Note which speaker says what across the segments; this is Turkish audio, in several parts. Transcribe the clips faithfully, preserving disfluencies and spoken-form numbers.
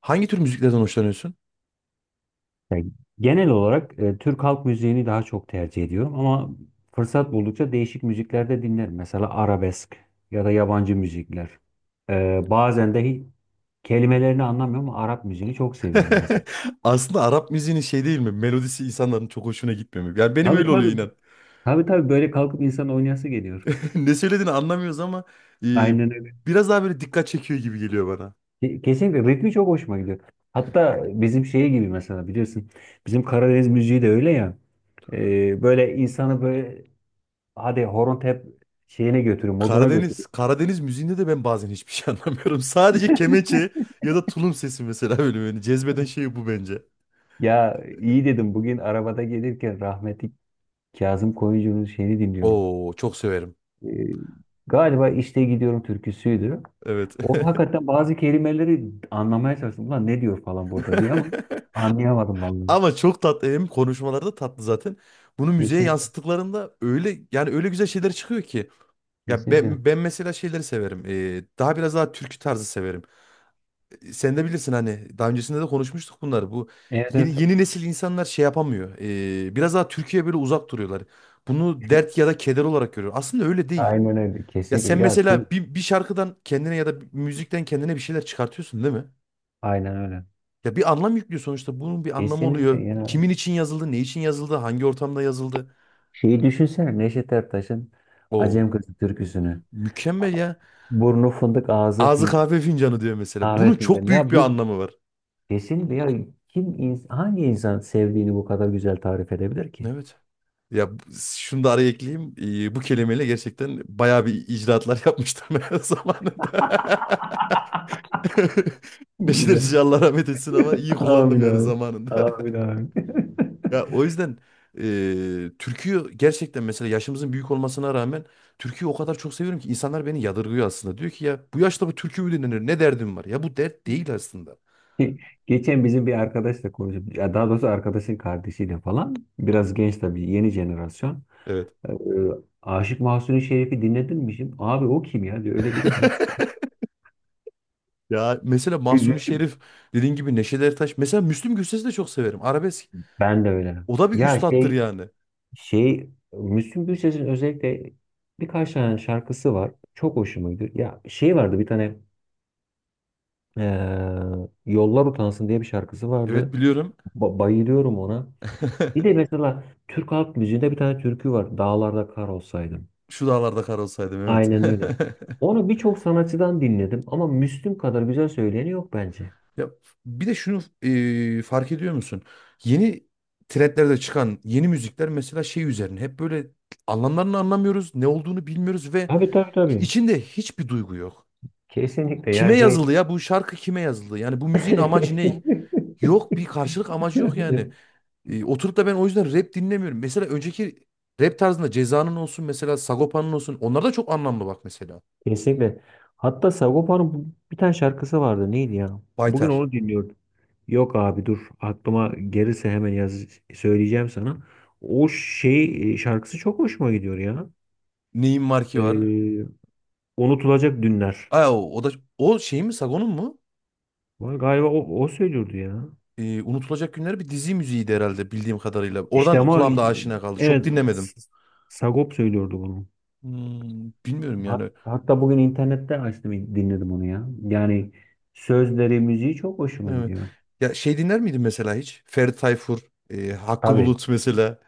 Speaker 1: Hangi tür müziklerden hoşlanıyorsun?
Speaker 2: Yani genel olarak e, Türk halk müziğini daha çok tercih ediyorum ama fırsat buldukça değişik müzikler de dinlerim. Mesela arabesk ya da yabancı müzikler. E, bazen de hi- kelimelerini anlamıyorum ama Arap müziğini çok seviyorum mesela.
Speaker 1: Aslında Arap müziğinin şey değil mi? Melodisi insanların çok hoşuna gitmiyor mu? Yani benim
Speaker 2: Tabii,
Speaker 1: öyle oluyor
Speaker 2: tabii.
Speaker 1: inan.
Speaker 2: Tabii, tabii, böyle kalkıp insan oynayası geliyor.
Speaker 1: Ne söylediğini anlamıyoruz ama e,
Speaker 2: Aynen öyle.
Speaker 1: biraz daha böyle dikkat çekiyor gibi geliyor bana.
Speaker 2: Ke- Kesinlikle ritmi çok hoşuma gidiyor. Hatta bizim şey gibi, mesela biliyorsun, bizim Karadeniz müziği de öyle ya. E, böyle insanı böyle hadi horon tep şeyine götürüyor, moduna
Speaker 1: Karadeniz,
Speaker 2: götürüyor.
Speaker 1: Karadeniz müziğinde de ben bazen hiçbir şey anlamıyorum. Sadece kemençe ya da tulum sesi mesela böyle beni cezbeden şey bu bence.
Speaker 2: Ya iyi dedim, bugün arabada gelirken rahmetli Kazım Koyuncu'nun şeyini dinliyorum.
Speaker 1: Oo, çok severim.
Speaker 2: Ee, Galiba işte Gidiyorum türküsüydü.
Speaker 1: Evet.
Speaker 2: O hakikaten bazı kelimeleri anlamaya çalıştım. Ulan ne diyor falan burada diye ama anlayamadım vallahi.
Speaker 1: Ama çok tatlı, hem konuşmaları da tatlı zaten. Bunu müziğe
Speaker 2: Kesinlikle.
Speaker 1: yansıttıklarında öyle, yani öyle güzel şeyler çıkıyor ki. Ya
Speaker 2: Kesinlikle.
Speaker 1: ben, ben mesela şeyleri severim. Ee, daha biraz daha türkü tarzı severim. Ee, Sen de bilirsin, hani daha öncesinde de konuşmuştuk bunları. Bu
Speaker 2: Evet,
Speaker 1: yeni,
Speaker 2: evet.
Speaker 1: yeni nesil insanlar şey yapamıyor. Ee, biraz daha Türkiye'ye böyle uzak duruyorlar. Bunu dert ya da keder olarak görüyor. Aslında öyle değil.
Speaker 2: Aynen öyle.
Speaker 1: Ya sen
Speaker 2: Kesinlikle. Ya
Speaker 1: mesela
Speaker 2: tüm
Speaker 1: bir, bir şarkıdan kendine ya da bir müzikten kendine bir şeyler çıkartıyorsun değil mi?
Speaker 2: aynen öyle.
Speaker 1: Ya bir anlam yüklüyor sonuçta. Bunun bir anlamı
Speaker 2: Kesinlikle
Speaker 1: oluyor.
Speaker 2: ya.
Speaker 1: Kimin için yazıldı, ne için yazıldı, hangi ortamda yazıldı.
Speaker 2: Şeyi düşünsene, Neşet Ertaş'ın
Speaker 1: Oo,
Speaker 2: Acem Kızı türküsünü.
Speaker 1: mükemmel ya.
Speaker 2: Burnu fındık, ağzı
Speaker 1: Ağzı
Speaker 2: fi-
Speaker 1: kahve fincanı diyor mesela. Bunun
Speaker 2: kahve fincanı.
Speaker 1: çok büyük
Speaker 2: Ya
Speaker 1: bir
Speaker 2: bir
Speaker 1: anlamı var.
Speaker 2: kesin, veya kim, ins- hangi insan sevdiğini bu kadar güzel tarif edebilir ki?
Speaker 1: Evet. Ya bu- şunu da araya ekleyeyim. Ee, bu kelimeyle gerçekten bayağı bir icraatlar yapmışlar zamanında. Neşet
Speaker 2: Güzel.
Speaker 1: Ertaş'ı Allah rahmet etsin, ama iyi kullandım
Speaker 2: Amin
Speaker 1: yani
Speaker 2: abi.
Speaker 1: zamanında.
Speaker 2: Amin abi.
Speaker 1: Ya o yüzden e, türküyü gerçekten, mesela yaşımızın büyük olmasına rağmen türküyü o kadar çok seviyorum ki insanlar beni yadırgıyor aslında. Diyor ki ya bu yaşta bu türkü mü dinlenir? Ne derdim var? Ya bu dert değil aslında.
Speaker 2: Ge- Geçen bizim bir arkadaşla konuşup, ya daha doğrusu arkadaşın kardeşiyle falan, biraz genç tabii, yeni jenerasyon.
Speaker 1: Evet.
Speaker 2: Ee, Aşık Mahzuni Şerif'i dinledin mi şimdi? Abi o kim ya diyor, öyle biri mi var?
Speaker 1: Ya mesela Mahsuni
Speaker 2: Üzüldüm.
Speaker 1: Şerif, dediğin gibi Neşet Ertaş. Mesela Müslüm Gürses'i de çok severim. Arabesk.
Speaker 2: Ben de öyle.
Speaker 1: O da bir
Speaker 2: Ya
Speaker 1: üstattır
Speaker 2: şey,
Speaker 1: yani.
Speaker 2: Şey Müslüm Gürses'in özellikle birkaç tane şarkısı var. Çok hoşuma gidiyor. Ya şey vardı bir tane, eee, Yollar Utansın diye bir şarkısı
Speaker 1: Evet,
Speaker 2: vardı.
Speaker 1: biliyorum.
Speaker 2: Ba- bayılıyorum ona. Bir de mesela Türk halk müziğinde bir tane türkü var. Dağlarda Kar Olsaydım.
Speaker 1: Şu dağlarda kar olsaydım, evet.
Speaker 2: Aynen öyle. Onu birçok sanatçıdan dinledim ama Müslüm kadar güzel söyleyeni yok bence.
Speaker 1: Ya bir de şunu e, fark ediyor musun? Yeni trendlerde çıkan yeni müzikler mesela şey üzerine, hep böyle anlamlarını anlamıyoruz, ne olduğunu bilmiyoruz ve
Speaker 2: Tabii, tabii, tabii.
Speaker 1: içinde hiçbir duygu yok.
Speaker 2: Kesinlikle
Speaker 1: Kime
Speaker 2: ya,
Speaker 1: yazıldı
Speaker 2: şey.
Speaker 1: ya, bu şarkı kime yazıldı? Yani bu müziğin amacı ne? Yok, bir karşılık amacı yok yani. E, oturup da ben o yüzden rap dinlemiyorum. Mesela önceki rap tarzında Ceza'nın olsun, mesela Sagopa'nın olsun, onlar da çok anlamlı bak mesela.
Speaker 2: Kesinlikle. Hatta Sagopa'nın bu- bir tane şarkısı vardı. Neydi ya? Bugün
Speaker 1: Baytar.
Speaker 2: onu dinliyordum. Yok abi, dur. Aklıma gelirse hemen yaz, söyleyeceğim sana. O şey, e, şarkısı çok hoşuma gidiyor ya.
Speaker 1: Neyin marki var?
Speaker 2: Ee, Unutulacak Dünler.
Speaker 1: Aa, o, o da o şey mi, Sagon'un mu?
Speaker 2: Vay, galiba o, o söylüyordu ya.
Speaker 1: Ee, Unutulacak Günler bir dizi müziğiydi herhalde, bildiğim kadarıyla.
Speaker 2: İşte
Speaker 1: Oradan
Speaker 2: ama
Speaker 1: kulağımda aşina kaldı. Çok
Speaker 2: evet,
Speaker 1: dinlemedim.
Speaker 2: S- Sagop söylüyordu bunu.
Speaker 1: Hmm, bilmiyorum
Speaker 2: Hat-
Speaker 1: yani.
Speaker 2: Hatta bugün internette açtım, dinledim onu ya. Yani sözleri, müziği çok hoşuma
Speaker 1: Evet.
Speaker 2: gidiyor.
Speaker 1: Ya şey, dinler miydin mesela hiç? Ferdi Tayfur, e, Hakkı
Speaker 2: Tabii.
Speaker 1: Bulut mesela.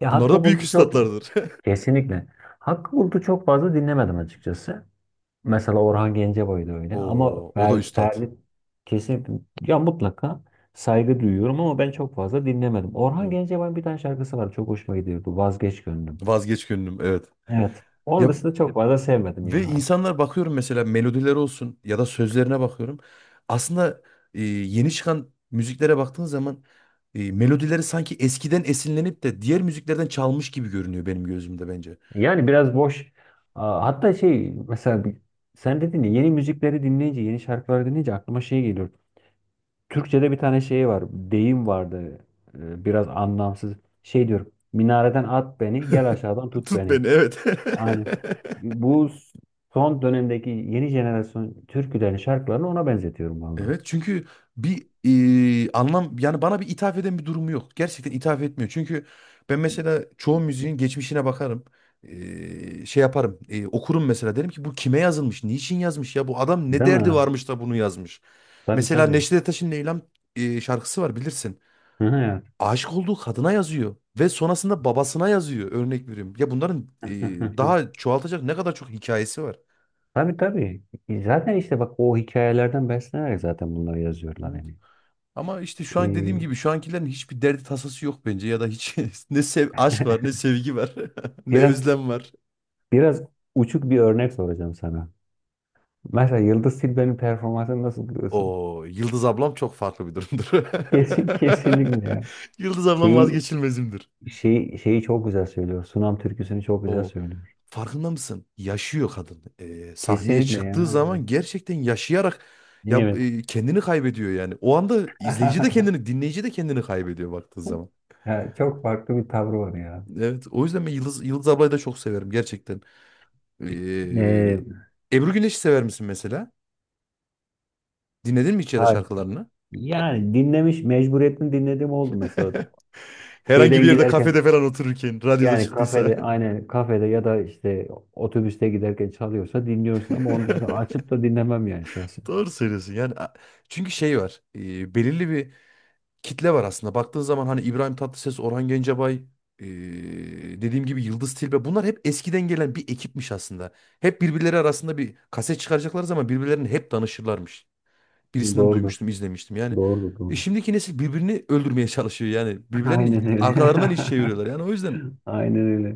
Speaker 2: Ya
Speaker 1: Bunlar
Speaker 2: Hakkı
Speaker 1: da büyük
Speaker 2: Bulut'u çok
Speaker 1: üstatlardır.
Speaker 2: kesinlikle. Hakkı Bulut'u çok fazla dinlemedim açıkçası. Mesela Orhan Gencebay da öyle. Ama
Speaker 1: Oo, o da
Speaker 2: Fer,
Speaker 1: üstad.
Speaker 2: Ferdi kesinlikle, ya mutlaka saygı duyuyorum ama ben çok fazla dinlemedim. Orhan
Speaker 1: Evet.
Speaker 2: Gencebay'ın bir tane şarkısı var. Çok hoşuma gidiyordu. Vazgeç Gönlüm.
Speaker 1: Vazgeç gönlüm, evet.
Speaker 2: Evet. Onun
Speaker 1: Ya,
Speaker 2: dışında çok fazla sevmedim
Speaker 1: ve
Speaker 2: ya.
Speaker 1: insanlar bakıyorum mesela, melodiler olsun ya da sözlerine bakıyorum. Aslında e, yeni çıkan müziklere baktığın zaman e, melodileri sanki eskiden esinlenip de diğer müziklerden çalmış gibi görünüyor benim gözümde, bence.
Speaker 2: Yani biraz boş. Aa, hatta şey mesela bir- sen dedin ya, yeni müzikleri dinleyince, yeni şarkıları dinleyince aklıma şey geliyor. Türkçe'de bir tane şey var. Deyim vardı. e, Biraz anlamsız. Şey diyorum. Minareden at beni, gel aşağıdan tut
Speaker 1: Tut
Speaker 2: beni.
Speaker 1: beni, evet.
Speaker 2: Aynen. Bu son dönemdeki yeni jenerasyon türkülerin şarkılarını ona benzetiyorum valla.
Speaker 1: Evet, çünkü bir e, anlam yani bana bir ithaf eden bir durumu yok. Gerçekten ithaf etmiyor. Çünkü ben mesela çoğu müziğin geçmişine bakarım. E, şey yaparım. E, okurum mesela, derim ki bu kime yazılmış? Niçin yazmış ya? Bu adam ne
Speaker 2: Değil
Speaker 1: derdi
Speaker 2: mi?
Speaker 1: varmış da bunu yazmış?
Speaker 2: Tabii,
Speaker 1: Mesela
Speaker 2: tabii.
Speaker 1: Neşet Ertaş'ın Leyla'm e, şarkısı var, bilirsin.
Speaker 2: Hı hı ya.
Speaker 1: Aşık olduğu kadına yazıyor ve sonrasında babasına yazıyor, örnek veriyorum. Ya bunların, e, daha çoğaltacak ne kadar çok hikayesi var.
Speaker 2: Tabii, tabii. E, Zaten işte bak, o hikayelerden beslenerek zaten bunları yazıyorlar
Speaker 1: Evet.
Speaker 2: yani.
Speaker 1: Ama işte şu an dediğim
Speaker 2: Ee,
Speaker 1: gibi şu ankilerin hiçbir derdi tasası yok bence, ya da hiç ne sev, aşk var, ne sevgi var, ne
Speaker 2: biraz
Speaker 1: özlem var.
Speaker 2: biraz uçuk bir örnek soracağım sana. Mesela Yıldız Tilbe'nin performansını nasıl buluyorsun?
Speaker 1: O Yıldız ablam çok farklı bir durumdur.
Speaker 2: Kesin, kesinlikle ya.
Speaker 1: Yıldız ablam
Speaker 2: Şeyi,
Speaker 1: vazgeçilmezimdir.
Speaker 2: şeyi, şeyi çok güzel söylüyor. Sunam türküsünü çok güzel
Speaker 1: O,
Speaker 2: söylüyor.
Speaker 1: farkında mısın? Yaşıyor kadın. Ee, sahneye
Speaker 2: Kesinlikle
Speaker 1: çıktığı
Speaker 2: ya.
Speaker 1: zaman gerçekten yaşayarak, ya
Speaker 2: Evet.
Speaker 1: e, kendini kaybediyor yani. O anda izleyici de kendini, dinleyici de kendini kaybediyor baktığı zaman.
Speaker 2: Ya çok farklı bir tavrı var ya.
Speaker 1: Evet, o yüzden ben Yıldız Yıldız ablayı da çok severim gerçekten. Ee,
Speaker 2: Ee,
Speaker 1: Ebru Güneş'i sever misin mesela? Dinledin mi hiç, ya da
Speaker 2: hayır.
Speaker 1: şarkılarını?
Speaker 2: Yani dinlemiş, mecburiyetten dinlediğim oldu mesela.
Speaker 1: Herhangi
Speaker 2: Şeyden
Speaker 1: bir yerde,
Speaker 2: giderken
Speaker 1: kafede falan otururken, radyoda
Speaker 2: yani
Speaker 1: çıktıysa.
Speaker 2: kafede, aynen kafede ya da işte otobüste giderken çalıyorsa dinliyorsun ama onun dışında açıp da dinlemem yani şahsen.
Speaker 1: Doğru söylüyorsun yani. a- Çünkü şey var. e, belirli bir kitle var aslında. Baktığın zaman hani İbrahim Tatlıses, Orhan Gencebay, e, dediğim gibi Yıldız Tilbe. Bunlar hep eskiden gelen bir ekipmiş aslında. Hep birbirleri arasında, bir kaset çıkaracakları zaman birbirlerine hep danışırlarmış. Birisinden
Speaker 2: Doğrudur.
Speaker 1: duymuştum, izlemiştim. Yani
Speaker 2: Doğrudur.
Speaker 1: e,
Speaker 2: Doğrudur.
Speaker 1: şimdiki nesil birbirini öldürmeye çalışıyor. Yani birbirlerini
Speaker 2: Aynen öyle.
Speaker 1: arkalarından iş çeviriyorlar. Yani o yüzden,
Speaker 2: Aynen öyle.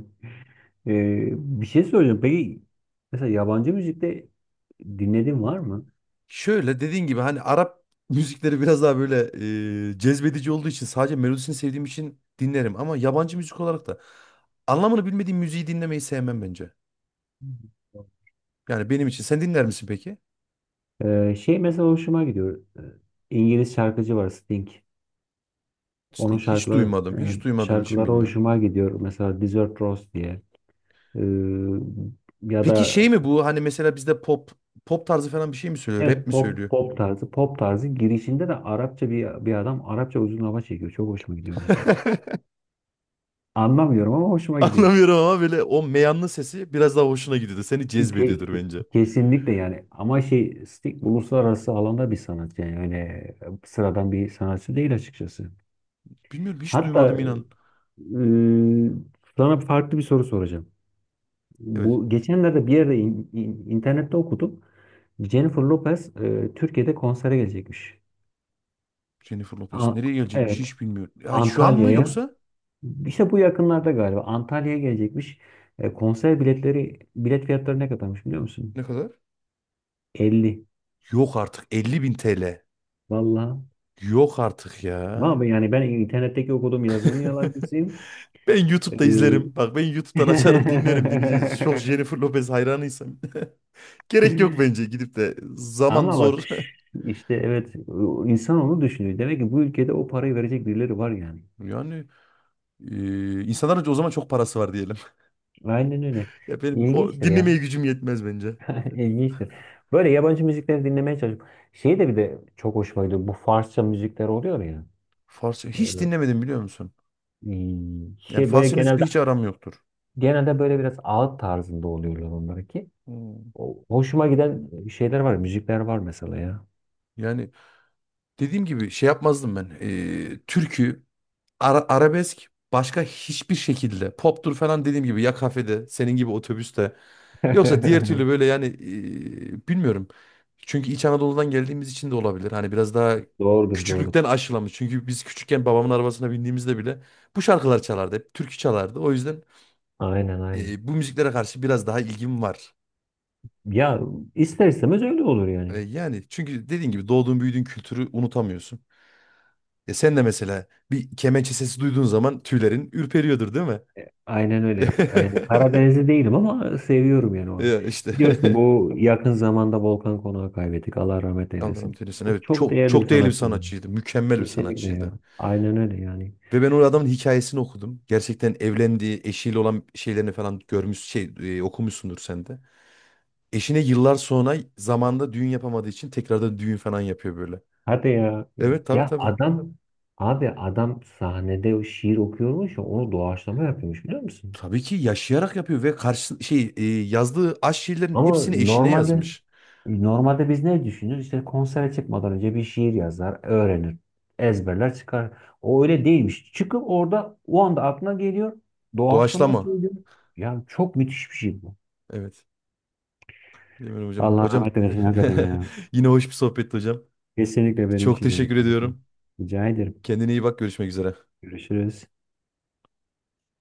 Speaker 2: Ee, Bir şey söyleyeceğim. Peki mesela yabancı müzikte dinlediğin var mı?
Speaker 1: şöyle dediğin gibi, hani Arap müzikleri biraz daha böyle e, cezbedici olduğu için, sadece melodisini sevdiğim için dinlerim. Ama yabancı müzik olarak da anlamını bilmediğim müziği dinlemeyi sevmem bence. Yani benim için. Sen dinler misin peki?
Speaker 2: Ee, şey mesela hoşuma gidiyor. Ee, İngiliz şarkıcı var, Sting. Onun
Speaker 1: İşte, hiç
Speaker 2: şarkıları,
Speaker 1: duymadım.
Speaker 2: yani
Speaker 1: Hiç duymadığım için
Speaker 2: şarkıları
Speaker 1: bilmiyorum.
Speaker 2: hoşuma gidiyor. Mesela Desert Rose diye. Ee, Ya
Speaker 1: Peki
Speaker 2: da
Speaker 1: şey mi bu? Hani mesela bizde pop pop tarzı falan bir şey mi söylüyor? Rap
Speaker 2: evet,
Speaker 1: mi
Speaker 2: pop,
Speaker 1: söylüyor?
Speaker 2: pop tarzı pop tarzı girişinde de Arapça bir bir adam Arapça uzun hava çekiyor. Çok hoşuma gidiyor mesela. Anlamıyorum ama hoşuma gidiyor.
Speaker 1: Anlamıyorum ama böyle o meyanlı sesi biraz daha hoşuna gidiyordu. Seni
Speaker 2: Ke-
Speaker 1: cezbediyordur
Speaker 2: ke-
Speaker 1: bence.
Speaker 2: Kesinlikle yani, ama şey, Sting uluslararası alanda bir sanatçı, yani öyle e, sıradan bir sanatçı değil açıkçası.
Speaker 1: Bilmiyorum, hiç
Speaker 2: Hatta
Speaker 1: duymadım inan.
Speaker 2: e, sana farklı bir soru soracağım.
Speaker 1: Evet.
Speaker 2: Bu geçenlerde bir yerde, in- in- internette okudum. Jennifer Lopez e, Türkiye'de konsere gelecekmiş.
Speaker 1: Jennifer Lopez.
Speaker 2: A-
Speaker 1: Nereye gelecekmiş,
Speaker 2: evet,
Speaker 1: hiç bilmiyorum. Ya şu an mı
Speaker 2: Antalya'ya.
Speaker 1: yoksa?
Speaker 2: İşte bu yakınlarda galiba Antalya'ya gelecekmiş. E, konser biletleri, bilet fiyatları ne kadarmış biliyor musun?
Speaker 1: Ne kadar?
Speaker 2: Elli.
Speaker 1: Yok artık, elli bin T L.
Speaker 2: Vallahi
Speaker 1: Yok artık ya.
Speaker 2: ama abi, yani ben internetteki okuduğum yazının yalancısıyım.
Speaker 1: Ben YouTube'da izlerim. Bak, ben YouTube'dan açarım, dinlerim, dinleyeceğiz. Çok
Speaker 2: Ee,
Speaker 1: Jennifer Lopez hayranıysam. Gerek yok bence gidip de. Zaman
Speaker 2: Ama bak
Speaker 1: zor.
Speaker 2: işte, evet, insan onu düşünüyor. Demek ki bu ülkede o parayı verecek birileri var yani.
Speaker 1: Yani e, insanların o zaman çok parası var diyelim.
Speaker 2: Aynen öyle.
Speaker 1: Ya benim o
Speaker 2: İlginçtir
Speaker 1: dinlemeye
Speaker 2: ya.
Speaker 1: gücüm yetmez bence.
Speaker 2: İlginçtir. Böyle yabancı müzikleri dinlemeye çalışıyorum. Şey de bir de çok hoşuma gidiyor. Bu Farsça müzikler oluyor ya.
Speaker 1: Farsça hiç
Speaker 2: Böyle,
Speaker 1: dinlemedim, biliyor musun?
Speaker 2: hmm,
Speaker 1: Yani
Speaker 2: şey böyle,
Speaker 1: Farsça müzikle
Speaker 2: genelde
Speaker 1: hiç aram yoktur.
Speaker 2: genelde böyle biraz ağıt tarzında oluyorlar onlar ki.
Speaker 1: Hmm.
Speaker 2: O- Hoşuma giden şeyler var, müzikler var mesela ya.
Speaker 1: Yani dediğim gibi şey yapmazdım ben. Ee, türkü, ara- arabesk, başka hiçbir şekilde. Poptur falan, dediğim gibi ya kafede, senin gibi otobüste. Yoksa diğer türlü böyle yani, ee, bilmiyorum. Çünkü İç Anadolu'dan geldiğimiz için de olabilir. Hani biraz daha
Speaker 2: Doğrudur, doğrudur.
Speaker 1: küçüklükten aşılamış. Çünkü biz küçükken babamın arabasına bindiğimizde bile bu şarkılar çalardı. Hep türkü çalardı. O yüzden
Speaker 2: Aynen, aynen.
Speaker 1: ee, bu müziklere karşı biraz daha ilgim var.
Speaker 2: Ya ister istemez öyle olur
Speaker 1: E,
Speaker 2: yani.
Speaker 1: yani çünkü dediğin gibi doğduğun büyüdüğün kültürü unutamıyorsun. E sen de mesela bir kemençe sesi duyduğun zaman tüylerin ürperiyordur değil mi?
Speaker 2: Aynen öyle. Yani Karadenizli değilim ama seviyorum yani o.
Speaker 1: Ya işte.
Speaker 2: Biliyorsun, bu yakın zamanda Volkan Konak'ı kaybettik. Allah rahmet
Speaker 1: Allah
Speaker 2: eylesin.
Speaker 1: rahmet eylesin.
Speaker 2: Çok,
Speaker 1: Evet,
Speaker 2: çok
Speaker 1: çok
Speaker 2: değerli bir
Speaker 1: çok değerli bir
Speaker 2: sanatçıydı.
Speaker 1: sanatçıydı. Mükemmel bir
Speaker 2: Kesinlikle ya.
Speaker 1: sanatçıydı.
Speaker 2: Aynen öyle yani.
Speaker 1: Ve ben o adamın hikayesini okudum. Gerçekten, evlendiği eşiyle olan şeylerini falan görmüş, şey e, okumuşsundur sen de. Eşine yıllar sonra, zamanda düğün yapamadığı için, tekrardan düğün falan yapıyor böyle.
Speaker 2: Hadi ya.
Speaker 1: Evet, tabii
Speaker 2: Ya
Speaker 1: tabii.
Speaker 2: adam, abi adam sahnede o şiir okuyormuş ya, onu doğaçlama yapıyormuş biliyor musun?
Speaker 1: Tabii ki yaşayarak yapıyor, ve karşı şey e, yazdığı aşk şiirlerin
Speaker 2: Ama
Speaker 1: hepsini eşine
Speaker 2: normalde,
Speaker 1: yazmış.
Speaker 2: normalde biz ne düşünürüz? İşte konsere çıkmadan önce bir şiir yazar, öğrenir, ezberler, çıkar. O öyle değilmiş. Çıkıp orada o anda aklına geliyor. Doğaçlama
Speaker 1: Doğaçlama.
Speaker 2: söylüyor. Ya çok müthiş bir şey bu.
Speaker 1: Evet. Bilmiyorum hocam.
Speaker 2: Allah
Speaker 1: Hocam,
Speaker 2: rahmet eylesin hakikaten ya.
Speaker 1: yine hoş bir sohbetti hocam.
Speaker 2: Kesinlikle benim
Speaker 1: Çok
Speaker 2: için de öyle
Speaker 1: teşekkür
Speaker 2: kardeşim.
Speaker 1: ediyorum.
Speaker 2: Rica ederim.
Speaker 1: Kendine iyi bak. Görüşmek üzere.
Speaker 2: Görüşürüz.